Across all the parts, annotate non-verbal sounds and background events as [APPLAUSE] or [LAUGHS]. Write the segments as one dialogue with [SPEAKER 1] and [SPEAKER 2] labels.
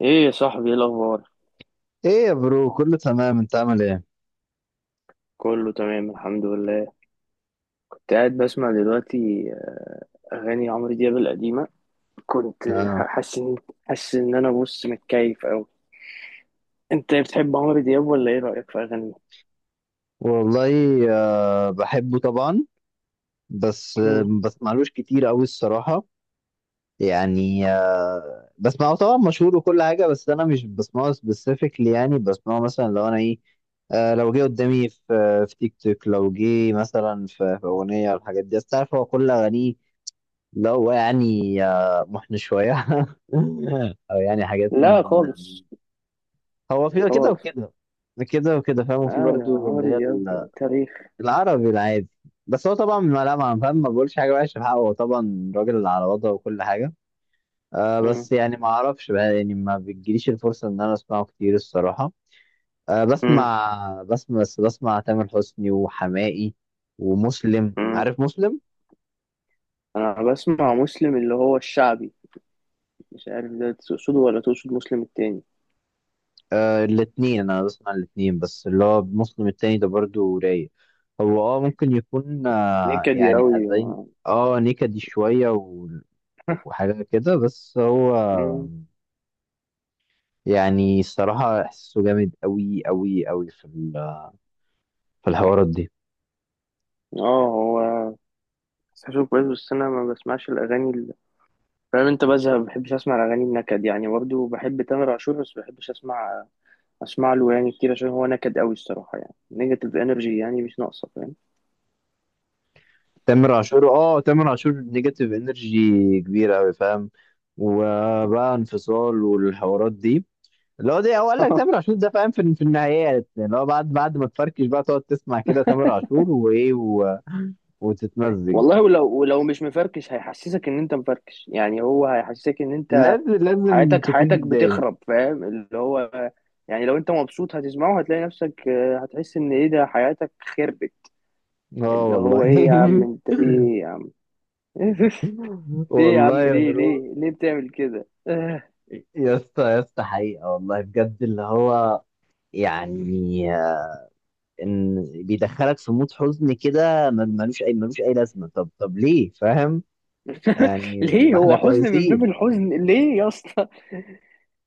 [SPEAKER 1] ايه يا صاحبي، ايه الاخبار؟
[SPEAKER 2] ايه يا برو كله تمام، انت عامل ايه؟
[SPEAKER 1] كله تمام الحمد لله. كنت قاعد بسمع دلوقتي اغاني عمرو دياب القديمه. كنت
[SPEAKER 2] آه.
[SPEAKER 1] حاسس ان حاسس ان انا بص متكيف اوي. انت بتحب عمرو دياب ولا ايه رايك في اغانيه؟
[SPEAKER 2] والله، آه بحبه طبعا. بس
[SPEAKER 1] مم.
[SPEAKER 2] ما بسمعلوش كتير قوي الصراحة. يعني بسمعه طبعا، مشهور وكل حاجة، بس انا مش بسمعه سبيسيفيكلي. يعني بسمعه مثلا لو انا ايه، لو جه قدامي في تيك توك، لو جه مثلا في اغنية والحاجات دي. بس تعرف هو كل اغانيه لو يعني محن شوية [LAUGHS] او يعني حاجات.
[SPEAKER 1] لا خالص،
[SPEAKER 2] هو في كده
[SPEAKER 1] خالص.
[SPEAKER 2] وكده، كده وكده، فاهم؟
[SPEAKER 1] لا
[SPEAKER 2] وفي
[SPEAKER 1] يا
[SPEAKER 2] برضو
[SPEAKER 1] عمرو
[SPEAKER 2] اللي هي
[SPEAKER 1] دياب تاريخ.
[SPEAKER 2] العربي العادي. بس هو طبعا ما فاهم، ما بقولش حاجه وحشه في حقه، هو طبعا راجل على وضعه وكل حاجه. آه
[SPEAKER 1] مم.
[SPEAKER 2] بس يعني ما اعرفش بقى، يعني ما بتجيليش الفرصه ان انا اسمعه كتير الصراحه. آه
[SPEAKER 1] مم.
[SPEAKER 2] بسمع تامر حسني وحماقي ومسلم،
[SPEAKER 1] مم.
[SPEAKER 2] عارف مسلم؟
[SPEAKER 1] انا بسمع مسلم اللي هو الشعبي، مش عارف ده تقصده ولا تقصد مسلم التاني.
[SPEAKER 2] آه الاتنين، انا بسمع الاتنين. بس اللي هو مسلم التاني ده برضو رايق. هو اه ممكن يكون
[SPEAKER 1] نكد يا
[SPEAKER 2] يعني
[SPEAKER 1] اوي.
[SPEAKER 2] حزين. اه نكدي شوية وحاجة كده. بس هو
[SPEAKER 1] مم.
[SPEAKER 2] يعني الصراحة إحساسه جامد أوي أوي أوي في في الحوارات دي.
[SPEAKER 1] اه هو بس أشوف كويس، بس أنا ما بسمعش الأغاني. فاهم، انت بزهق، ما بحبش اسمع الاغاني النكد، يعني برضه بحب تامر عاشور بس ما بحبش اسمع، اسمع له يعني كتير عشان هو نكد قوي الصراحه، يعني نيجاتيف انرجي يعني مش ناقصه فاهم.
[SPEAKER 2] تامر عاشور، اه تامر عاشور نيجاتيف انرجي كبيرة أوي، فاهم؟ وبقى انفصال والحوارات دي. اللي هو ده هو قال لك
[SPEAKER 1] [LAUGHS]
[SPEAKER 2] تامر عاشور ده فاهم في النهايات. يعني اللي هو بعد ما تفركش بقى تقعد تسمع كده تامر عاشور وإيه و... وتتمزج.
[SPEAKER 1] والله ولو مش مفركش هيحسسك ان انت مفركش، يعني هو هيحسسك ان انت
[SPEAKER 2] لازم
[SPEAKER 1] حياتك
[SPEAKER 2] تكون
[SPEAKER 1] حياتك
[SPEAKER 2] متضايق.
[SPEAKER 1] بتخرب فاهم اللي هو، يعني لو انت مبسوط هتسمعه هتلاقي نفسك آه، هتحس ان ايه ده حياتك خربت.
[SPEAKER 2] اه
[SPEAKER 1] اللي
[SPEAKER 2] والله.
[SPEAKER 1] هو ايه يا عم، انت في ايه يا عم؟ [LAUGHS]
[SPEAKER 2] [LAUGHS]
[SPEAKER 1] في ايه يا
[SPEAKER 2] والله
[SPEAKER 1] عم؟
[SPEAKER 2] يا
[SPEAKER 1] ليه
[SPEAKER 2] برو،
[SPEAKER 1] ليه ليه بتعمل كده؟ [LAUGHS]
[SPEAKER 2] يا اسطى حقيقة والله بجد اللي هو يعني آه، ان بيدخلك في مود حزن كده، ملوش اي لازمة. طب ليه؟ فاهم؟ يعني
[SPEAKER 1] ليه
[SPEAKER 2] ما احنا
[SPEAKER 1] هو حزن من باب
[SPEAKER 2] كويسين.
[SPEAKER 1] الحزن ليه يا اسطى؟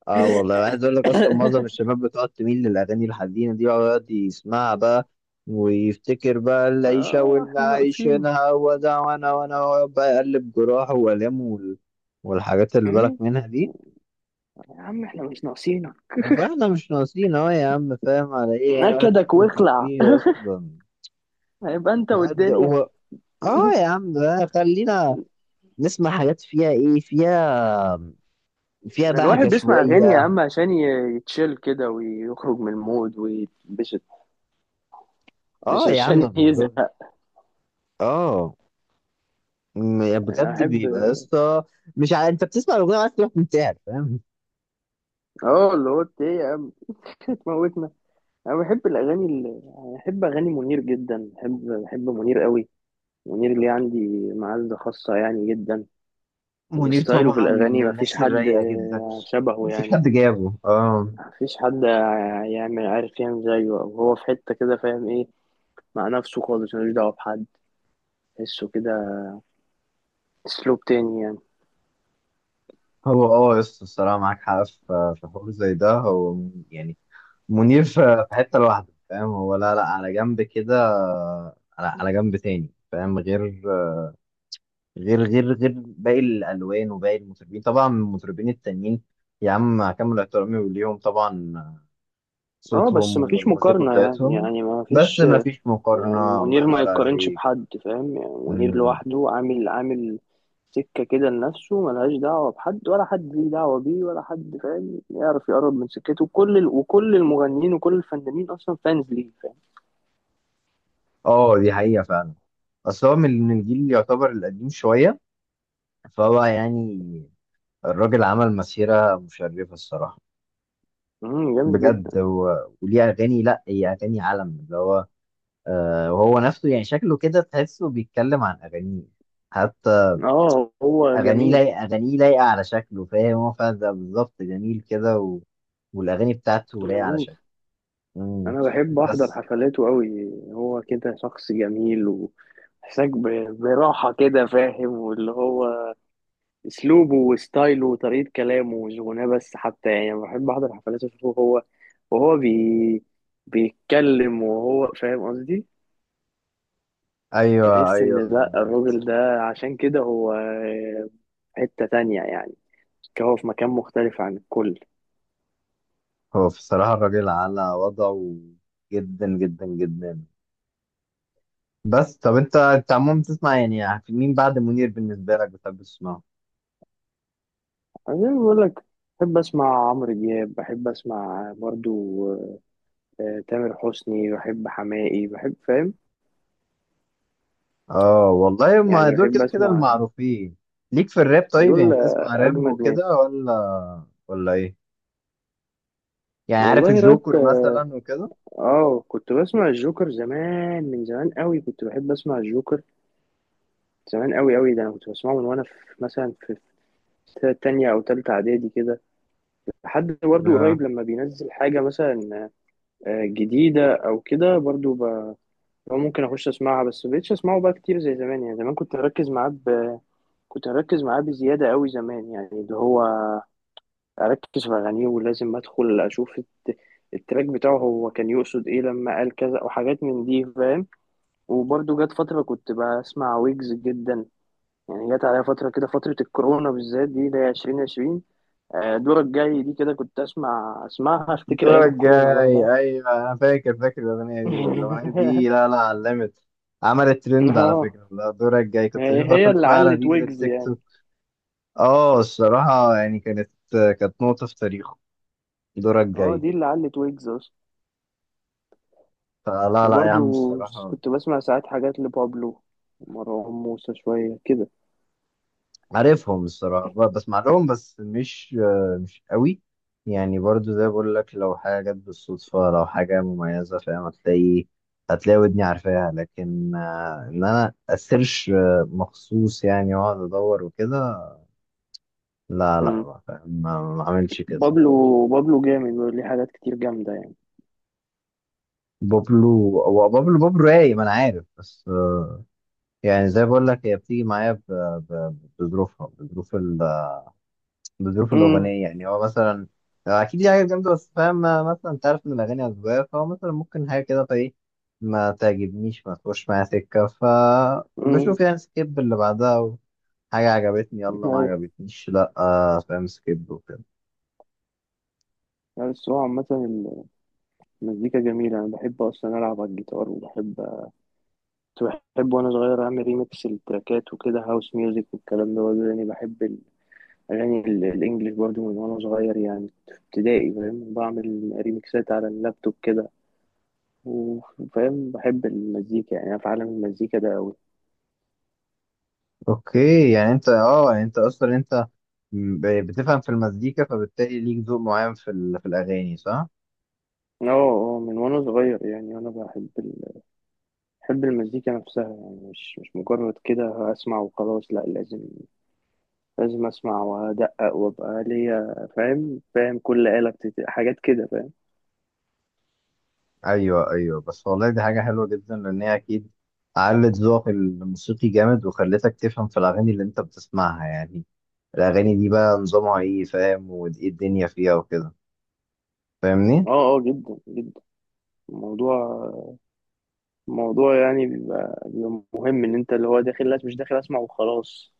[SPEAKER 2] اه والله، عايز اقول لك اصلا معظم
[SPEAKER 1] [LAUGHS]
[SPEAKER 2] الشباب بتقعد تميل للاغاني الحزينة دي، ويقعد يسمعها بقى ويفتكر بقى العيشة
[SPEAKER 1] اه
[SPEAKER 2] واللي
[SPEAKER 1] احنا ناقصين.
[SPEAKER 2] عايشينها وده، وانا ويقعد بقى يقلب جراحه والامه والحاجات اللي بالك
[SPEAKER 1] مم؟
[SPEAKER 2] منها دي.
[SPEAKER 1] يا عم احنا مش ناقصينك،
[SPEAKER 2] فاحنا مش ناقصين اهو يا عم، فاهم على ايه؟ يعني الواحد فينا
[SPEAKER 1] نكدك واخلع.
[SPEAKER 2] مكفيه اصلا.
[SPEAKER 1] هيبقى انت
[SPEAKER 2] الواحد
[SPEAKER 1] والدنيا.
[SPEAKER 2] هو اه يا عم بقى، خلينا نسمع حاجات فيها ايه، فيها فيها
[SPEAKER 1] ده الواحد
[SPEAKER 2] بهجة
[SPEAKER 1] بيسمع اغاني يا
[SPEAKER 2] شوية.
[SPEAKER 1] عم عشان يتشيل كده ويخرج من المود ويتبسط، مش
[SPEAKER 2] اه يا عم
[SPEAKER 1] عشان
[SPEAKER 2] بالظبط.
[SPEAKER 1] يزهق.
[SPEAKER 2] اه يعني بجد
[SPEAKER 1] احب.
[SPEAKER 2] بيبقى يا اسطى مش ع... انت بتسمع الاغنية عايز تروح منتحر، فاهم؟
[SPEAKER 1] اه اللي هو إنت ايه يا عم؟ [LAUGHS] تموتنا. انا بحب الاغاني اللي... بحب اغاني منير جدا، بحب منير قوي. منير اللي عندي معزة خاصة يعني جدا.
[SPEAKER 2] منير
[SPEAKER 1] وستايله في
[SPEAKER 2] طبعا
[SPEAKER 1] الأغاني
[SPEAKER 2] من
[SPEAKER 1] مفيش
[SPEAKER 2] الناس
[SPEAKER 1] حد
[SPEAKER 2] الرايقة جدا.
[SPEAKER 1] آه، شبهه
[SPEAKER 2] مفيش
[SPEAKER 1] يعني.
[SPEAKER 2] حد جابه، اه.
[SPEAKER 1] مفيش حد يعمل، عارف، يعمل زيه، أو هو في حتة كده فاهم إيه، مع نفسه خالص ملوش دعوة بحد، تحسه كده، أسلوب تاني يعني.
[SPEAKER 2] هو اه يا اسطى، الصراحة معاك حق في حوار زي ده. هو يعني منير في حتة لوحده، فاهم؟ هو لا لا على جنب كده، على جنب تاني، فاهم؟ غير غير باقي الألوان وباقي المطربين، طبعا المطربين التانيين يا عم مع كامل احترامي ليهم طبعا،
[SPEAKER 1] اه
[SPEAKER 2] صوتهم
[SPEAKER 1] بس مفيش
[SPEAKER 2] والموسيقى
[SPEAKER 1] مقارنة يعني،
[SPEAKER 2] بتاعتهم.
[SPEAKER 1] يعني
[SPEAKER 2] بس
[SPEAKER 1] مفيش
[SPEAKER 2] ما فيش
[SPEAKER 1] يعني،
[SPEAKER 2] مقارنة، الله
[SPEAKER 1] منير ما
[SPEAKER 2] ينور
[SPEAKER 1] يتقارنش
[SPEAKER 2] عليك.
[SPEAKER 1] بحد فاهم. يعني منير
[SPEAKER 2] مم.
[SPEAKER 1] لوحده عامل سكة كده لنفسه، ملهاش دعوة بحد ولا حد ليه دعوة بيه، ولا حد فاهم يعرف يقرب من سكته، وكل المغنيين وكل الفنانين أصلا فانز ليه فاهم.
[SPEAKER 2] اه دي حقيقة فعلا. بس هو من الجيل اللي يعتبر القديم شوية، فهو يعني الراجل عمل مسيرة مشرفة الصراحة،
[SPEAKER 1] مم، جامد جدا.
[SPEAKER 2] بجد. و... وليه اغاني، لا هي اغاني عالم اللي هو آه وهو نفسه يعني شكله كده تحسه بيتكلم عن اغانيه حتى.
[SPEAKER 1] اه هو جميل.
[SPEAKER 2] اغانيه لايقه على شكله، فاهم هو؟ فاهم ده بالظبط، جميل كده. و... والاغاني بتاعته لايقه على
[SPEAKER 1] جميل.
[SPEAKER 2] شكله. مم.
[SPEAKER 1] انا بحب احضر
[SPEAKER 2] بس
[SPEAKER 1] حفلاته قوي، هو كده شخص جميل وحساك براحة كده فاهم، واللي هو اسلوبه وستايله وطريقة كلامه مش غناه بس حتى يعني. أنا بحب احضر حفلاته اشوفه هو وهو بيتكلم، وهو فاهم قصدي.
[SPEAKER 2] ايوه
[SPEAKER 1] تحس ان لا
[SPEAKER 2] بالظبط.
[SPEAKER 1] الراجل ده عشان كده هو في حتة تانية يعني، هو في مكان مختلف عن الكل.
[SPEAKER 2] هو بصراحه الراجل على وضعه جدا. بس طب انت عموما بتسمع يعني مين بعد منير بالنسبه لك، بتحب تسمعه؟
[SPEAKER 1] أنا زي ما بقول لك، بحب أسمع عمرو دياب، بحب أسمع برضو آه، تامر حسني، بحب حماقي، بحب فاهم،
[SPEAKER 2] اه والله ما
[SPEAKER 1] يعني
[SPEAKER 2] دول
[SPEAKER 1] بحب
[SPEAKER 2] كده كده
[SPEAKER 1] أسمع
[SPEAKER 2] المعروفين. ليك في الراب طيب؟ يعني
[SPEAKER 1] دول آه،
[SPEAKER 2] بتسمع راب
[SPEAKER 1] أجمد
[SPEAKER 2] وكده
[SPEAKER 1] ناس.
[SPEAKER 2] ولا ايه؟ يعني عارف
[SPEAKER 1] والله راب
[SPEAKER 2] الجوكر
[SPEAKER 1] اه،
[SPEAKER 2] مثلا وكده.
[SPEAKER 1] آه، كنت بسمع الجوكر زمان، من زمان قوي كنت بحب أسمع الجوكر، زمان قوي قوي، ده أنا كنت بسمعه من وأنا في مثلا في، في تانية أو تالتة إعدادي كده، لحد برضو قريب
[SPEAKER 2] اه
[SPEAKER 1] لما بينزل حاجة مثلا آه، جديدة أو كده برضو. هو ممكن اخش اسمعها بس مبقتش اسمعه بقى كتير زي زمان يعني. زمان كنت اركز معاه كنت اركز معاه بزياده قوي زمان، يعني اللي هو اركز في اغانيه ولازم ادخل اشوف التراك بتاعه، هو كان يقصد ايه لما قال كذا وحاجات من دي فاهم. وبرده جت فتره كنت بسمع ويجز جدا يعني، جت عليا فتره كده، فتره الكورونا بالذات دي اللي هي 2020. آه، دورك جاي دي كده كنت اسمع، اسمعها افتكر ايام
[SPEAKER 2] دورك
[SPEAKER 1] الكورونا بقى
[SPEAKER 2] جاي،
[SPEAKER 1] فاهم.
[SPEAKER 2] ايوه انا فاكر، الاغنيه دي، الاغنيه
[SPEAKER 1] [LAUGHS]
[SPEAKER 2] دي لا لا علمت، عملت ترند على
[SPEAKER 1] اه
[SPEAKER 2] فكره، لا دورك جاي كنت
[SPEAKER 1] هي
[SPEAKER 2] اشوفها
[SPEAKER 1] هي
[SPEAKER 2] كل
[SPEAKER 1] اللي
[SPEAKER 2] شويه على
[SPEAKER 1] علت
[SPEAKER 2] ريلز
[SPEAKER 1] ويجز
[SPEAKER 2] التيك
[SPEAKER 1] يعني.
[SPEAKER 2] توك. اه الصراحه يعني كانت نقطه في تاريخه دورك
[SPEAKER 1] اه
[SPEAKER 2] جاي.
[SPEAKER 1] دي اللي علت ويجز اصلا.
[SPEAKER 2] فلا لا يا
[SPEAKER 1] وبرضو
[SPEAKER 2] عم الصراحه،
[SPEAKER 1] كنت بسمع ساعات حاجات لبابلو ومروان موسى شوية كده.
[SPEAKER 2] عارفهم الصراحة، بسمع لهم بس مش آه، مش قوي. يعني برضو زي بقول لك، لو حاجة جت بالصدفة، لو حاجة مميزة، فاهم، هتلاقي ودني عارفاها. لكن آه، إن أنا أسيرش آه، مخصوص يعني وأقعد أدور وكده، لا لا
[SPEAKER 1] مم.
[SPEAKER 2] ما فاهم، ما ما عملش كده.
[SPEAKER 1] بابلو. بابلو جامد وليه حاجات كتير جامدة يعني.
[SPEAKER 2] بابلو، هو بابلو، بابلو رايق ما أنا عارف. بس آه، يعني زي بقول لك هي بتيجي معايا بظروفها، بظروف
[SPEAKER 1] امم.
[SPEAKER 2] الأغنية. يعني هو مثلا هو أكيد دي حاجة جامدة بس فاهم، مثلا أنت عارف إن الأغاني أذواق، فهو مثلا ممكن حاجة كده فإيه، ما تعجبنيش، ما تخش معايا سكة،
[SPEAKER 1] امم.
[SPEAKER 2] فبشوف يعني سكيب اللي بعدها. حاجة عجبتني يلا، ما
[SPEAKER 1] ايوه.
[SPEAKER 2] عجبتنيش لأ آه، فاهم، سكيب وكده.
[SPEAKER 1] بس هو عامة المزيكا جميلة. أنا بحب أصلا ألعب على الجيتار وبحب، كنت بحب وأنا صغير أعمل ريميكس للتراكات وكده، هاوس ميوزك والكلام ده برضه يعني. بحب الأغاني الإنجليش برضه من وأنا صغير، يعني في ابتدائي فاهم، بعمل ريميكسات على اللابتوب كده، وفاهم بحب المزيكا يعني. أنا في عالم المزيكا ده أوي.
[SPEAKER 2] أوكي يعني أنت أه يعني أنت أصلا أنت بتفهم في المزيكا، فبالتالي ليك ذوق معين في, في الأغاني، صح؟
[SPEAKER 1] اه، اه من وأنا صغير يعني. بحب المزيكا نفسها يعني، مش مش مجرد كده أسمع وخلاص، لأ لازم، لازم أسمع وأدقق وأبقى ليا فاهم، فاهم كل آلة حاجات كده فاهم.
[SPEAKER 2] ايوه بس والله دي حاجه حلوه جدا، لان هي اكيد علت ذوقك الموسيقي جامد وخلتك تفهم في الاغاني اللي انت بتسمعها. يعني الاغاني دي بقى نظامها ايه، فاهم، وايه الدنيا فيها وكده. فاهمني؟
[SPEAKER 1] اه، اه جدا جدا. الموضوع الموضوع يعني بيبقى مهم إن أنت اللي هو داخل، لا مش داخل أسمع وخلاص.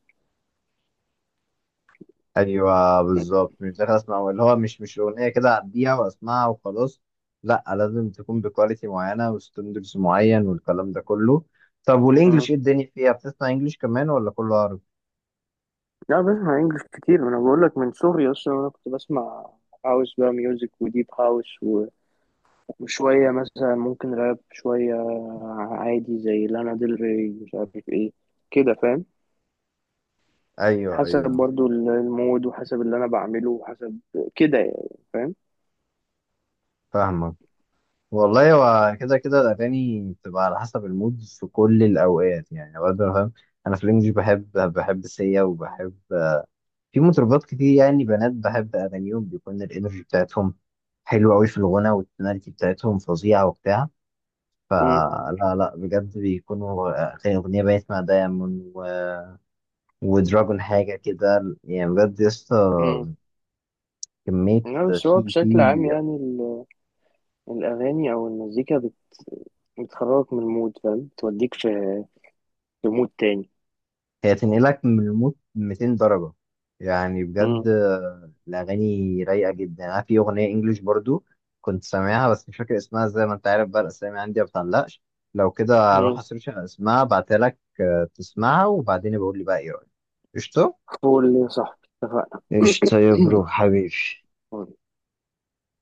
[SPEAKER 2] ايوه بالظبط، مش داخل اسمع اللي هو مش اغنيه كده اعديها واسمعها وخلاص. لا لازم تكون بكواليتي معينه وستاندرز معين والكلام ده كله. طب والانجليش ايه الدنيا فيها؟ بتسمع انجليش كمان ولا كله عربي؟
[SPEAKER 1] لا بسمع انجلش كتير، ما انا بقول لك من صغري اصلا انا كنت بسمع هاوس بقى ميوزك وديب هاوس وشويه مثلا ممكن راب شويه، عادي زي لانا ديل ري مش عارف ايه كده فاهم.
[SPEAKER 2] ايوه
[SPEAKER 1] حسب برضو المود وحسب اللي انا بعمله وحسب كده يعني فاهم.
[SPEAKER 2] فاهمك. والله هو كده كده الأغاني بتبقى على حسب المود في كل الأوقات. يعني أوقات أنا فاهم، أنا في الإنجليش بحب سيا، وبحب في مطربات كتير يعني بنات بحب أغانيهم، بيكون الإنرجي بتاعتهم حلوة أوي في الغنى، والتوناليتي بتاعتهم فظيعة وبتاع.
[SPEAKER 1] امم.
[SPEAKER 2] فلا لا بجد بيكونوا أغنية بقيت مع دايمون و... ودراجون حاجة كده، يعني بجد
[SPEAKER 1] امم.
[SPEAKER 2] يسطا كمية
[SPEAKER 1] لا بس هو
[SPEAKER 2] في
[SPEAKER 1] بشكل عام يعني الاغاني او المزيكا بتخرجك من المود فاهم، توديك في في مود تاني.
[SPEAKER 2] هي تنقلك من الموت 200 درجة. يعني بجد
[SPEAKER 1] امم.
[SPEAKER 2] آه، الأغاني رايقة جدا. أنا في أغنية إنجليش برضو كنت سامعها بس مش فاكر اسمها، زي ما أنت عارف بقى الأسامي عندي ما بتعلقش. لو كده هروح
[SPEAKER 1] امم.
[SPEAKER 2] أسيرش على اسمها أبعتها لك آه، تسمعها، وبعدين بقول لي بقى إيه رأيك. قشطة؟
[SPEAKER 1] فول يا صاحبي،
[SPEAKER 2] قشطة يا
[SPEAKER 1] اتفقنا.
[SPEAKER 2] برو حبيبي.
[SPEAKER 1] [CLEARS THROAT]